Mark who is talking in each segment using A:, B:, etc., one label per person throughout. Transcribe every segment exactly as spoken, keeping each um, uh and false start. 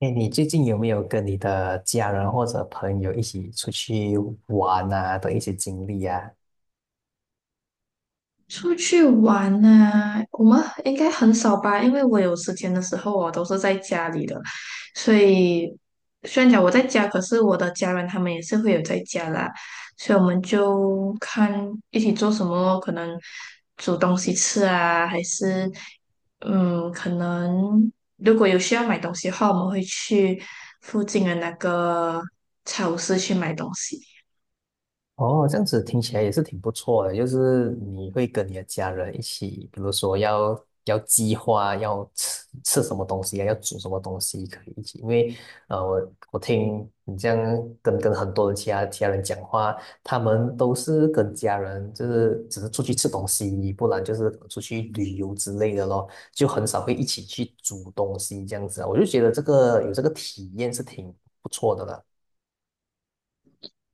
A: 哎，你最近有没有跟你的家人或者朋友一起出去玩啊的一些经历啊？
B: 出去玩呢、我们应该很少吧，因为我有时间的时候，我都是在家里的，所以虽然讲我在家，可是我的家人他们也是会有在家啦，所以我们就看一起做什么，可能煮东西吃啊，还是嗯，可能如果有需要买东西的话，我们会去附近的那个超市去买东西。
A: 哦，这样子听起来也是挺不错的，就是你会跟你的家人一起，比如说要要计划要吃吃什么东西啊，要煮什么东西，可以一起。因为呃，我我听你这样跟跟很多的其他其他人讲话，他们都是跟家人就是只是出去吃东西，不然就是出去旅游之类的咯，就很少会一起去煮东西这样子啊。我就觉得这个有这个体验是挺不错的啦。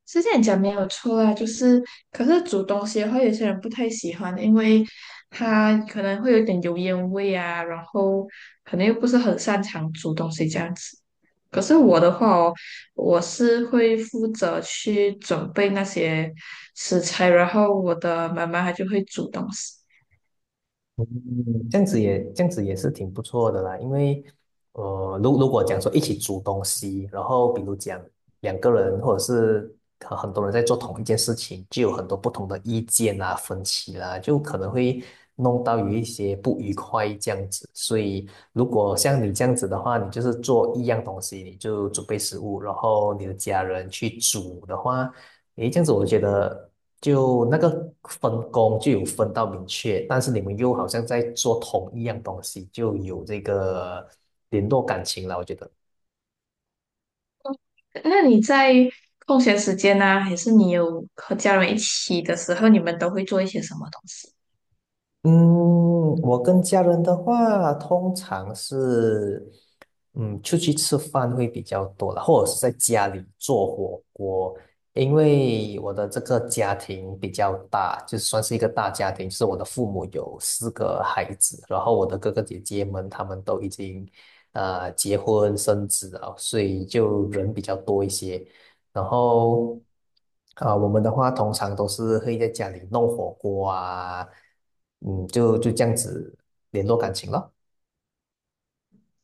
B: 是这样讲没有错啊，就是可是煮东西的话，有些人不太喜欢，因为他可能会有点油烟味啊，然后可能又不是很擅长煮东西这样子。可是我的话哦，我是会负责去准备那些食材，然后我的妈妈她就会煮东西。
A: 嗯，这样子也这样子也是挺不错的啦，因为呃，如如果讲说一起煮东西，然后比如讲两个人或者是呃很多人在做同一件事情，就有很多不同的意见啊、分歧啦，就可能会弄到有一些不愉快这样子。所以如果像你这样子的话，你就是做一样东西，你就准备食物，然后你的家人去煮的话，诶，这样子我觉得。就那个分工就有分到明确，但是你们又好像在做同一样东西，就有这个联络感情了，我觉得。
B: 那你在空闲时间呢、还是你有和家人一起的时候，你们都会做一些什么东西？
A: 嗯，我跟家人的话，通常是，嗯，出去吃饭会比较多了，或者是在家里做火锅。因为我的这个家庭比较大，就算是一个大家庭，就是我的父母有四个孩子，然后我的哥哥姐姐们他们都已经，呃，结婚生子了，所以就人比较多一些。然后，啊、我们的话通常都是会在家里弄火锅啊，嗯，就就这样子联络感情咯。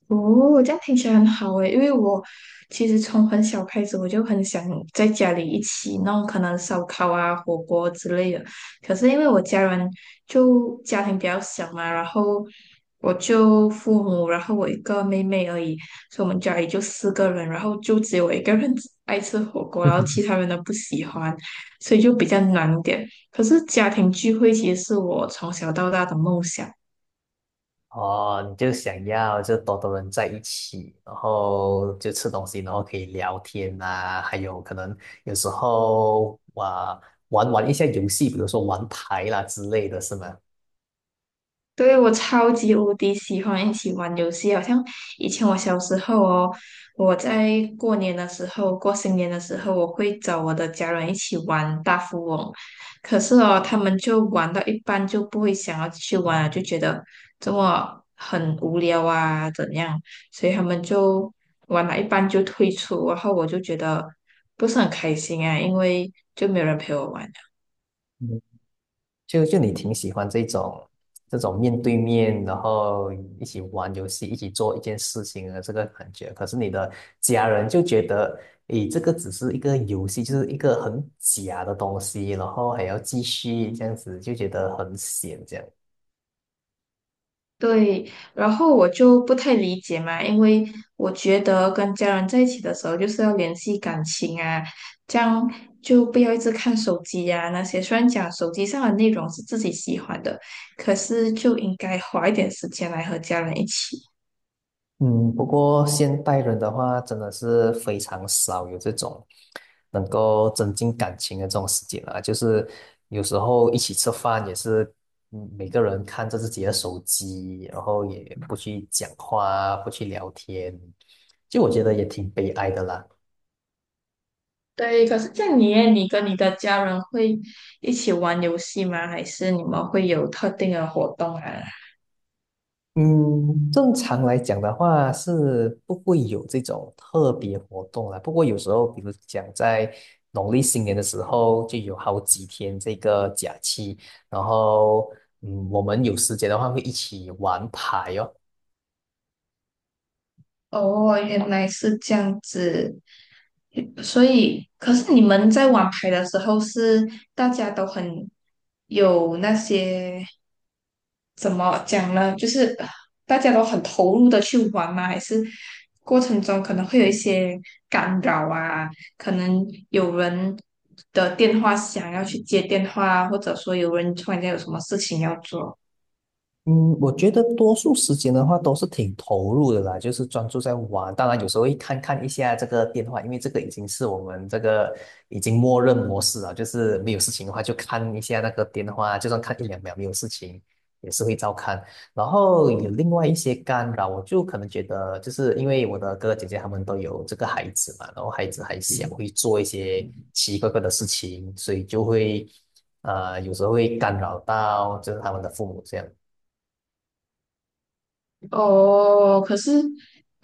B: 哦，这样听起来很好诶，因为我其实从很小开始我就很想在家里一起弄可能烧烤啊、火锅之类的。可是因为我家人就家庭比较小嘛，然后我就父母，然后我一个妹妹而已，所以我们家里就四个人，然后就只有我一个人 爱吃火锅，然后其他 人都不喜欢，所以就比较难一点。可是家庭聚会其实是我从小到大的梦想。
A: 哦，你就想要就多多人在一起，然后就吃东西，然后可以聊天啊，还有可能有时候啊玩玩一下游戏，比如说玩牌啦之类的是吗？
B: 对，我超级无敌喜欢一起玩游戏，好像以前我小时候哦，我在过年的时候、过新年的时候，我会找我的家人一起玩大富翁，可是哦，他们就玩到一半就不会想要继续玩了，就觉得这么很无聊啊，怎样，所以他们就玩了一半就退出，然后我就觉得不是很开心啊，因为就没有人陪我玩。
A: 就就你挺喜欢这种这种面对面，然后一起玩游戏，一起做一件事情的这个感觉。可是你的家人就觉得，诶，这个只是一个游戏，就是一个很假的东西，然后还要继续这样子，就觉得很闲这样。
B: 对，然后我就不太理解嘛，因为我觉得跟家人在一起的时候就是要联系感情啊，这样就不要一直看手机呀、那些。虽然讲手机上的内容是自己喜欢的，可是就应该花一点时间来和家人一起。
A: 嗯，不过现代人的话，真的是非常少有这种能够增进感情的这种时间啊。就是有时候一起吃饭也是，嗯每个人看着自己的手机，然后也不去讲话啊，不去聊天，就我觉得也挺悲哀的啦。
B: 对，可是像你耶你跟你的家人会一起玩游戏吗？还是你们会有特定的活动啊？
A: 正常来讲的话是不会有这种特别活动啦。不过有时候，比如讲在农历新年的时候，就有好几天这个假期，然后嗯，我们有时间的话会一起玩牌哦。
B: 哦，原来是这样子，所以，可是你们在玩牌的时候是大家都很有那些怎么讲呢？就是大家都很投入的去玩吗？还是过程中可能会有一些干扰啊？可能有人的电话响要去接电话，或者说有人突然间有什么事情要做。
A: 嗯，我觉得多数时间的话都是挺投入的啦，就是专注在玩。当然，有时候会看看一下这个电话，因为这个已经是我们这个已经默认模式了，就是没有事情的话就看一下那个电话，就算看一两秒没有事情，也是会照看。然后有另外一些干扰，我就可能觉得，就是因为我的哥哥姐姐他们都有这个孩子嘛，然后孩子还小，会做一些奇奇怪怪的事情，所以就会呃有时候会干扰到就是他们的父母这样。
B: 哦，可是，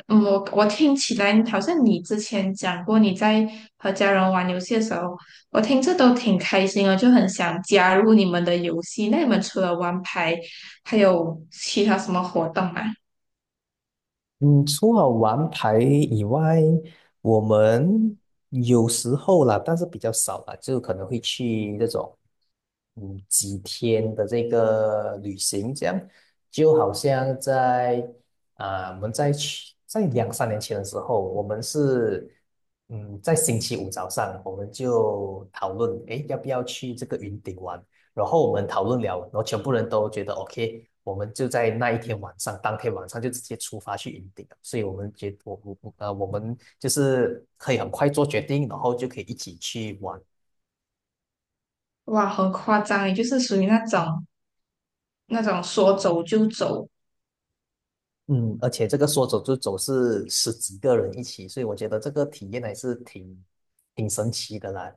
B: 嗯我我听起来好像你之前讲过你在和家人玩游戏的时候，我听着都挺开心的，就很想加入你们的游戏。那你们除了玩牌，还有其他什么活动吗？
A: 嗯，除了玩牌以外，我们有时候啦，但是比较少啦，就可能会去这种，嗯，几天的这个旅行，这样就好像在啊、我们在去在两三年前的时候，我们是嗯，在星期五早上，我们就讨论，诶，要不要去这个云顶玩？然后我们讨论了，然后全部人都觉得 O K，我们就在那一天晚上，当天晚上就直接出发去云顶了。所以我们觉我我我呃，我们就是可以很快做决定，然后就可以一起去玩。
B: 哇，很夸张，也就是属于那种那种说走就走，
A: 嗯，而且这个说走就走是十几个人一起，所以我觉得这个体验还是挺挺神奇的啦。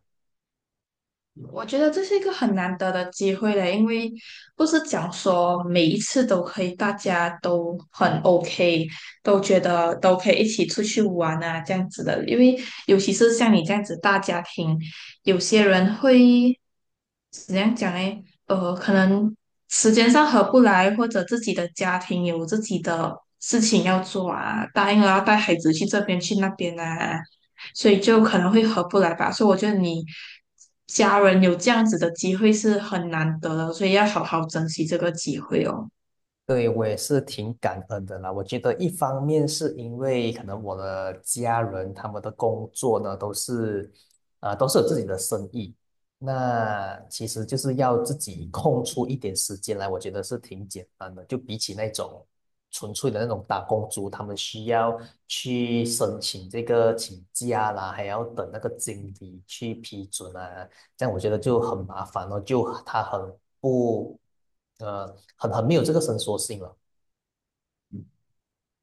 B: 我觉得这是一个很难得的机会嘞，因为不是讲说每一次都可以，大家都很 O K，都觉得都可以一起出去玩啊，这样子的。因为尤其是像你这样子大家庭，有些人会怎样讲嘞？呃，可能时间上合不来，或者自己的家庭有自己的事情要做啊，答应了要带孩子去这边去那边啊，所以就可能会合不来吧。所以我觉得你家人有这样子的机会是很难得的，所以要好好珍惜这个机会哦。
A: 对，我也是挺感恩的啦。我觉得一方面是因为可能我的家人他们的工作呢都是，呃，都是有自己的生意，那其实就是要自己空出一点时间来，我觉得是挺简单的。就比起那种纯粹的那种打工族，他们需要去申请这个请假啦，还要等那个经理去批准啊，这样我觉得就很麻烦哦，就他很不，呃，很很没有这个伸缩性了。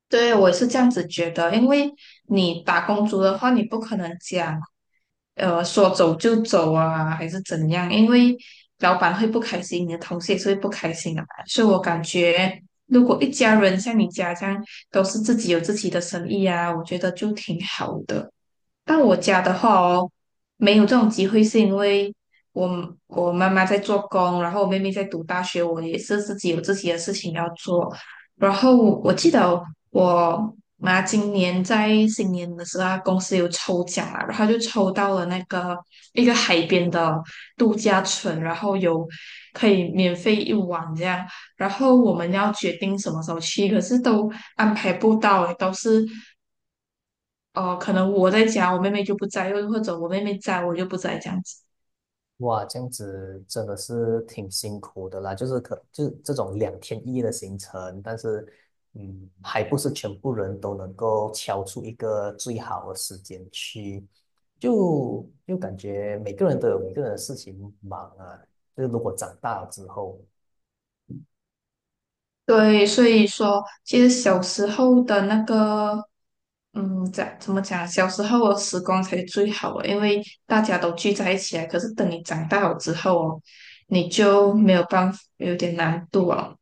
B: 对，我也是这样子觉得，因为你打工族的话，你不可能讲，呃，说走就走啊，还是怎样，因为老板会不开心，你的同事也是会不开心的嘛。所以我感觉，如果一家人像你家这样，都是自己有自己的生意啊，我觉得就挺好的。到我家的话哦，没有这种机会，是因为我我妈妈在做工，然后我妹妹在读大学，我也是自己有自己的事情要做。然后我记得我妈今年在新年的时候，她公司有抽奖啦，然后她就抽到了那个一个海边的度假村，然后有可以免费一晚这样。然后我们要决定什么时候去，可是都安排不到欸，都是哦、呃可能我在家，我妹妹就不在，又或者我妹妹在，我就不在这样子。
A: 哇，这样子真的是挺辛苦的啦，就是可就是这种两天一夜的行程，但是嗯，还不是全部人都能够敲出一个最好的时间去，就就感觉每个人都有每个人的事情忙啊。就是如果长大了之后。
B: 对，所以说，其实小时候的那个，嗯，在怎么讲？小时候的时光才是最好的，因为大家都聚在一起啊。可是等你长大了之后哦，你就没有办法，有点难度哦。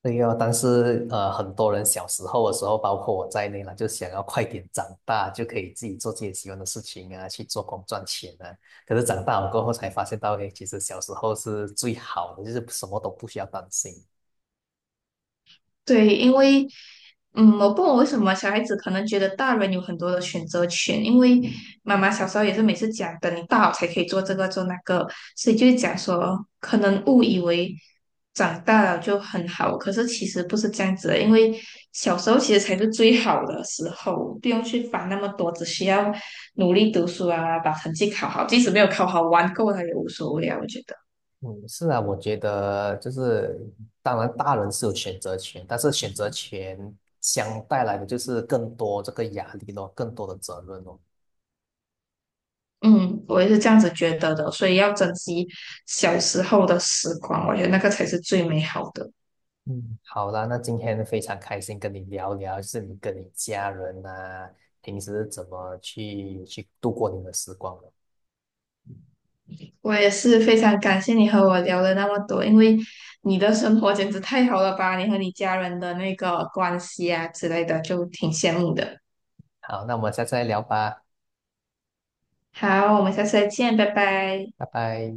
A: 对哦，但是呃，很多人小时候的时候，包括我在内了，就想要快点长大，就可以自己做自己喜欢的事情啊，去做工赚钱啊。可是长大了过后才发现到，诶，其实小时候是最好的，就是什么都不需要担心。
B: 对，因为，嗯，我不懂为什么小孩子可能觉得大人有很多的选择权，因为妈妈小时候也是每次讲，等你大了才可以做这个做那个，所以就是讲说，可能误以为长大了就很好，可是其实不是这样子的，因为小时候其实才是最好的时候，不用去烦那么多，只需要努力读书啊，把成绩考好，即使没有考好，玩够了也无所谓啊，我觉得。
A: 嗯，是啊，我觉得就是，当然大人是有选择权，但是选择权相带来的就是更多这个压力咯，更多的责任咯。
B: 嗯，我也是这样子觉得的，所以要珍惜小时候的时光，我觉得那个才是最美好的。
A: 嗯，好啦，那今天非常开心跟你聊聊，就是你跟你家人啊，平时怎么去去度过你的时光的。
B: 我也是非常感谢你和我聊了那么多，因为你的生活简直太好了吧，你和你家人的那个关系啊之类的，就挺羡慕的。
A: 好，那我们下次再聊吧，
B: 好，我们下次再见，拜拜。
A: 拜拜。